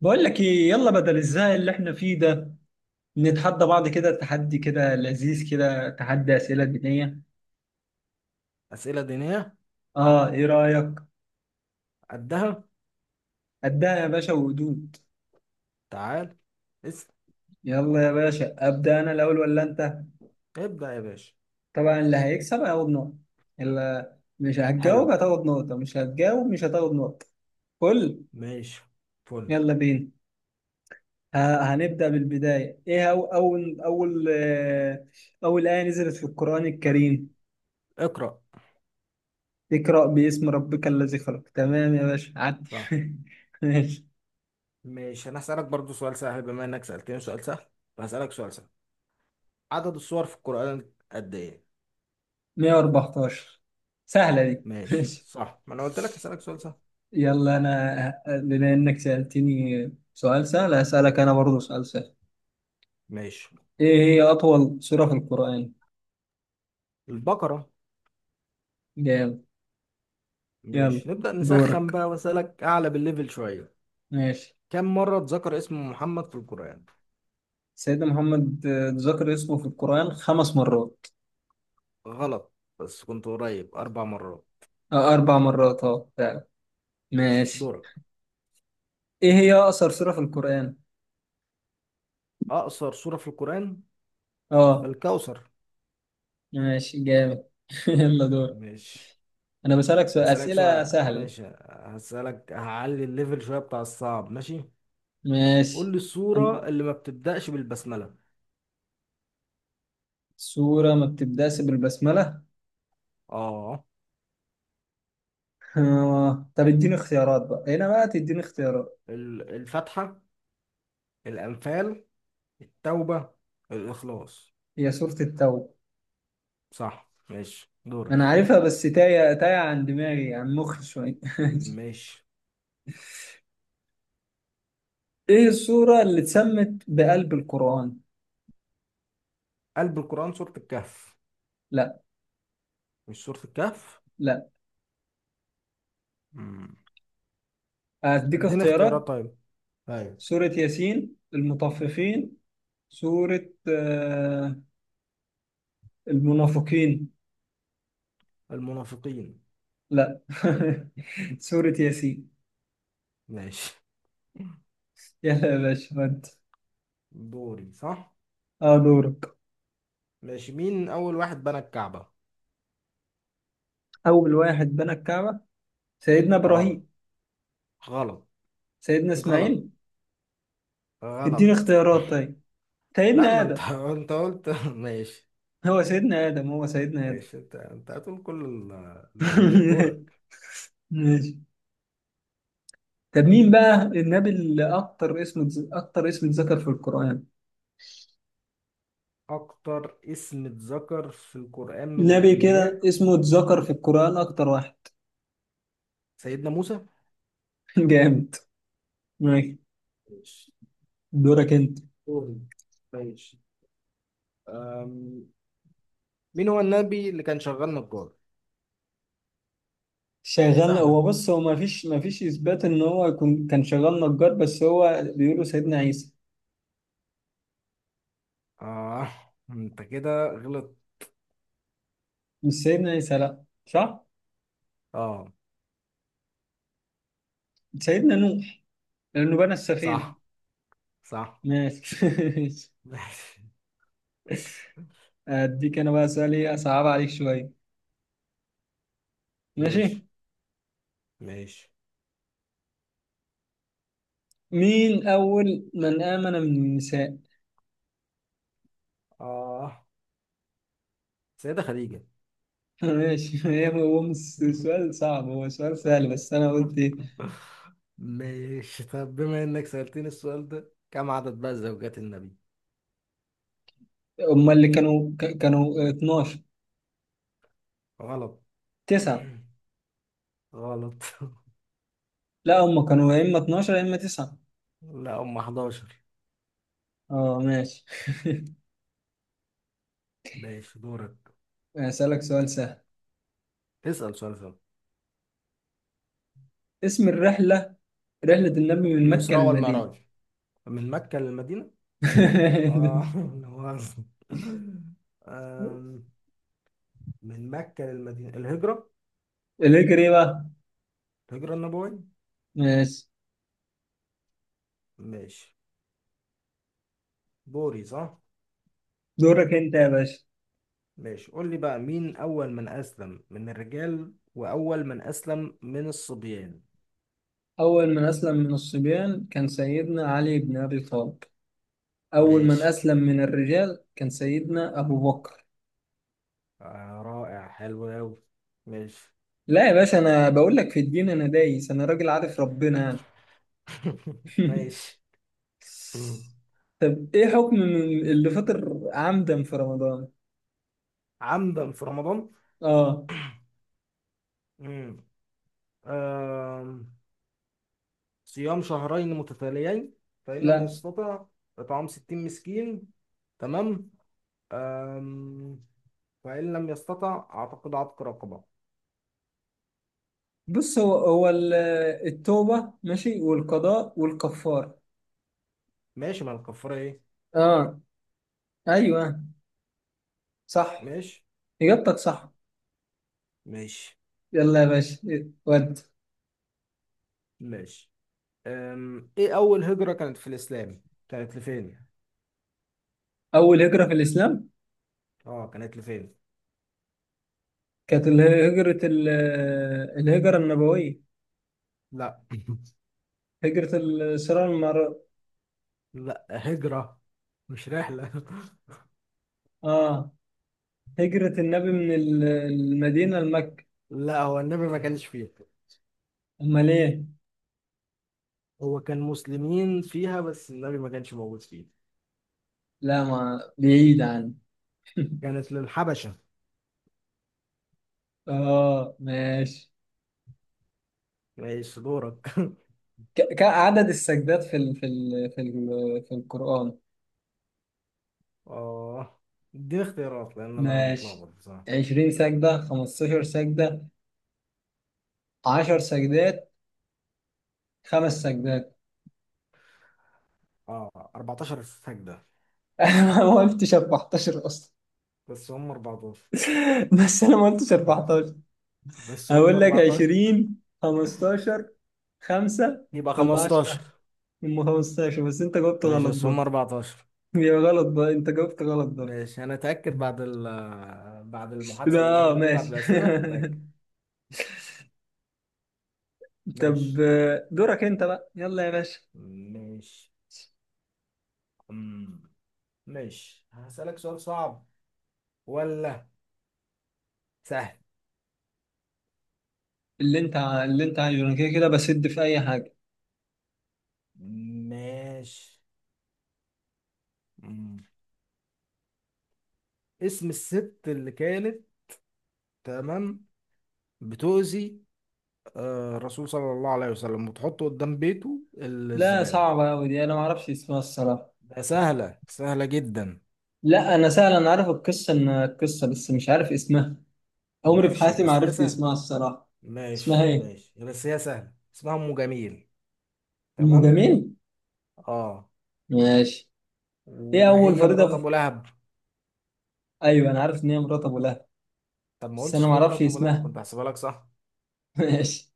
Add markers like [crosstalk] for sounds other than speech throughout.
بقول لك ايه، يلا بدل الزهق اللي احنا فيه ده نتحدى بعض كده، تحدي كده لذيذ كده، تحدي اسئله دينيه. أسئلة دينية. اه، ايه رايك؟ قدها. ابدا يا باشا، وهدوء. تعال. اسم. يلا يا باشا، ابدا. انا الاول ولا انت؟ ابدأ يا باشا. طبعا اللي هيكسب هياخد نقطه، اللي مش هتجاوب حلو. هتاخد نقطه، مش هتجاوب مش هتاخد نقطه. كل، ماشي. فل. يلا بينا. هنبدا بالبدايه. ايه هو اول ايه نزلت في القران الكريم؟ اقرأ. اقرا باسم ربك الذي خلق. تمام يا باشا، عدي صح. [laughs] ماشي. ماشي، أنا هسألك برضو سؤال سهل بما إنك سألتني سؤال سهل، فهسألك سؤال سهل. عدد السور في القرآن قد إيه؟ 114. سهلة دي [laughs] ماشي ماشي. صح، ما أنا قلت لك هسألك سؤال سهل. يلا، أنا بما إنك سألتني سؤال سهل هسألك أنا برضه سؤال سهل. ماشي. إيه هي أطول سورة في القرآن؟ البقرة. جامد. يلا ماشي، نبدأ نسخن دورك. بقى وأسألك أعلى بالليفل شوية. ماشي. كم مرة اتذكر اسم محمد في القرآن؟ سيدنا محمد، ذكر اسمه في القرآن 5 مرات. غلط، بس كنت قريب 4 مرات. أه 4 مرات، أه فعلا. ماشي ماشي. دورك. إيه هي أقصر سورة في القرآن؟ أقصر سورة في القرآن، أه. الكوثر. ماشي جامد. [laughs] يلا دور. ماشي، أنا بسألك سؤال، هسألك أسئلة سؤال. سهلة. ماشي هسألك، هعلي الليفل شوية بتاع الصعب. ماشي، قول ماشي. لي أن- السورة اللي ما بتبدأش بالبسملة. سورة ما بتبدأش بالبسملة. اه. طب اديني اختيارات بقى، هنا بقى تديني اختيارات. الفاتحة، الأنفال، التوبة، الإخلاص. هي سورة التوبة. صح، ماشي انا دورك. عارفها بس تايه تايه عن دماغي، عن مخي شوية [laughs] ماشي. ايه السورة اللي اتسمت بقلب القرآن؟ قلب القرآن؟ سورة الكهف. لا. مش سورة الكهف. لا. مم. اديك اديني اختيارات اختيارات. طيب. ايوه. سورة ياسين، المطففين، سورة، المنافقين. المنافقين. لا [laughs] سورة ياسين. ماشي، يلا يا باشا، ودي. دوري صح. اه، دورك. ماشي، مين أول واحد بنى الكعبة؟ أول واحد بنى الكعبة؟ سيدنا اه. إبراهيم. غلط. سيدنا غلط. إسماعيل. اديني غلط. اختيارات طيب. سيدنا لا ما انت آدم. [laughs] انت قلت [laughs] ماشي. هو سيدنا آدم، هو سيدنا آدم. ماشي، انت هتقول كل [laughs] الانبياء. دورك. ماشي. طب مين بقى النبي اللي أكتر اسم اتذكر في القرآن؟ اكتر اسم اتذكر في القرآن من نبي كده الانبياء، اسمه اتذكر في القرآن أكتر واحد [laughs] سيدنا موسى. جامد. ماشي ماشي. دورك أنت. دوري. ماشي أم... مين هو النبي اللي كان شغال نجار؟ شغال؟ سهلة. هو بص، هو ما فيش إثبات إن هو يكون كان شغال نجار، بس هو بيقولوا سيدنا عيسى. اه [laughs] انت كده غلط. مش سيدنا عيسى، لأ صح؟ اه سيدنا نوح، لأنه بنى السفينة. صح صح ماشي. [laughs] ماشي [laughs] أديك أنا بقى سؤال إيه أصعب عليك شوية. ماشي. ماشي ماشي. مين أول من آمن من النساء؟ اه سيدة خديجة. [laughs] ماشي. هو مش سؤال صعب، هو سؤال سهل، بس أنا قلت إيه، [laughs] ماشي، طب بما انك سألتني السؤال ده، كم عدد بقى زوجات النبي؟ هم اللي كانوا 12. غلط. 9. [clears throat] غلط. لا، هم كانوا يا إما 12 يا إما 9. [laughs] لا هم 11. أه ماشي. ماشي دورك. هسألك سؤال سهل. اسأل سؤال. اسم الرحلة، رحلة النبي من مكة الإسراء للمدينة. والمعراج، من مكة للمدينة. اه [laughs] [laughs] لا مؤاخذة. أم، من مكة للمدينة الهجرة. ليه، إيه بقى؟ الهجرة النبوية. ماشي ماشي. دوري صح. دورك أنت يا باشا. ماشي، قول لي بقى مين أول من أسلم من الرجال وأول من أسلم من الصبيان. أول من أسلم من الصبيان كان سيدنا علي بن أبي طالب. أول من ماشي. أسلم من الرجال كان سيدنا أبو بكر. آه رائع، حلو أوي. ماشي لا يا باشا، أنا بقول لك في الدين أنا دايس، أنا راجل عارف ربنا يعني. [laughs] [laughs] ماشي. مم. طب إيه حكم من اللي فطر عمدا في رمضان؟ عمدا في رمضان. آه. مم. آم، صيام شهرين متتاليين، فإن لم لا يستطع إطعام 60 مسكين. تمام. آم، فإن لم يستطع أعتقد عتق رقبة. بص، هو التوبة ماشي، والقضاء والكفارة. ماشي، ما الكفارة إيه. آه، أيوه، صح. ماشي. إجابتك صح. ماشي. يلا يا باشا، ود. ماشي. إيه أول هجرة كانت في الإسلام؟ كانت لفين؟ أول هجرة في الإسلام آه كانت لفين؟ كانت هجرة ال- الهجرة النبوية، لا [laughs] هجرة الصراع. لا هجرة، مش رحلة [laughs] اه، هجرة النبي من المدينة لمكة. لا هو النبي ما كانش فيها. امال ايه؟ هو كان مسلمين فيها بس النبي ما كانش موجود فيها. لا ما بعيد عن. [laughs] كانت للحبشة. اه ماشي. ماشي دورك [laughs] كعدد السجدات في القرآن؟ اه، اديني اختيارات لان انا ماشي. متلخبط بصراحة. 20 سجدة، 15 سجدة، 10 سجدات، 5 سجدات. اه 14 سجدة. [laughs] انا ما قلتش 14 اصلا. بس هم 14 [laughs] بس انا ما قلتش 14. [laughs] بس هم هقول لك 14. 20، 15، 5، يبقى ولا 15. 10؟ هم 15، بس انت جاوبت ماشي غلط بس هم برضه. 14. يا غلط بقى، انت جاوبت غلط برضه. ماشي انا اتاكد بعد بعد يبقى المحادثة اه، اللذيذة دي، بعد ماشي. الأسئلة نتاكد. [laughs] طب، ماشي. دورك انت بقى، يلا يا باشا. ماشي. أمم. ماشي هسألك سؤال صعب ولا سهل؟ اللي انت عايزه، انا كده كده بسد في اي حاجه. ماشي. مم. اسم الست اللي كانت، تمام، بتؤذي الرسول صلى الله عليه وسلم وتحطه قدام بيته لا الزبالة؟ صعبه قوي دي، انا ما اعرفش اسمها الصراحه. ده سهلة. سهلة جدا. لا، انا سهل، انا عارف القصه، ان القصه بس مش عارف اسمها. عمري في ماشي حياتي ما بس هي عرفت سهلة. اسمها الصراحه. اسمها ماشي ايه؟ ماشي بس هي سهلة. اسمها أم جميل. تمام. المجامين. اه، ماشي. ايه اول وهي فريضه مرات أبو في... لهب. ايوه، انا عارف ان هي مرات ابو لهب. طب ما بس انا قلتش ما ليه اعرفش مرات أبو لهب، اسمها. كنت هحسبها لك صح. [laughs] ماشي.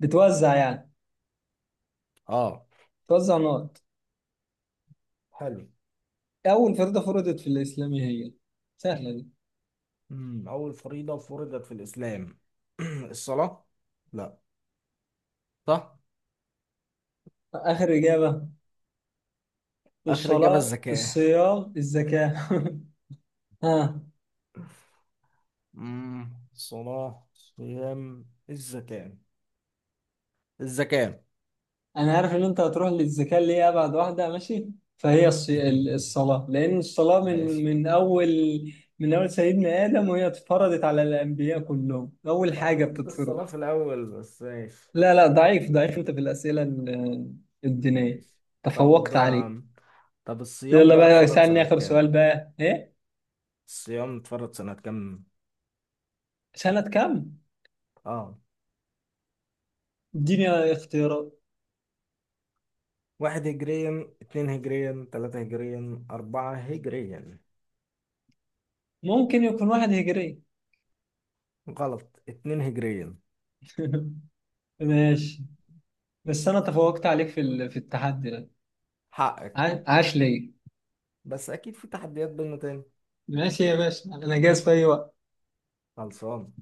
بتوزع يعني، اه، بتوزع نار. حلو. أول فريضة فرضت في الإسلام إيه هي؟ سهلة دي. مم. أول فريضة فرضت في الإسلام، الصلاة. لا. صح. آخر إجابة. آخر إجابة الصلاة، الزكاة. الصيام، الزكاة. [laughs] ها. صلاة، صيام، الزكاة. الزكاة أنا عارف إن أنت هتروح للزكاة اللي هي أبعد واحدة. ماشي. فهي [laughs] الصلاة، لأن الصلاة من ماشي، من أول، من أول سيدنا آدم، وهي اتفرضت على الأنبياء كلهم، أول أنا حاجة قلت الصلاة بتتفرض. في الأول بس. ماشي. لا لا، ضعيف ضعيف أنت في الأسئلة الدينية. ماشي. طب تفوقت عليه. طب الصيام يلا بقى بقى، اتفرض اسألني سنة آخر سؤال كام؟ بقى إيه. الصيام اتفرض سنة كام؟ سنة كام؟ اه. اديني اختيارات. واحد هجريا، اتنين هجريا، تلاتة هجريا، أربعة هجريا. ممكن يكون 1 هجري. غلط، اتنين هجريا. [laughs] ماشي. بس انا تفوقت عليك في التحدي ده. حقك. عاش ليه. بس أكيد في تحديات بينا تاني. ماشي يا باشا، انا جاهز في اي وقت. خلصان.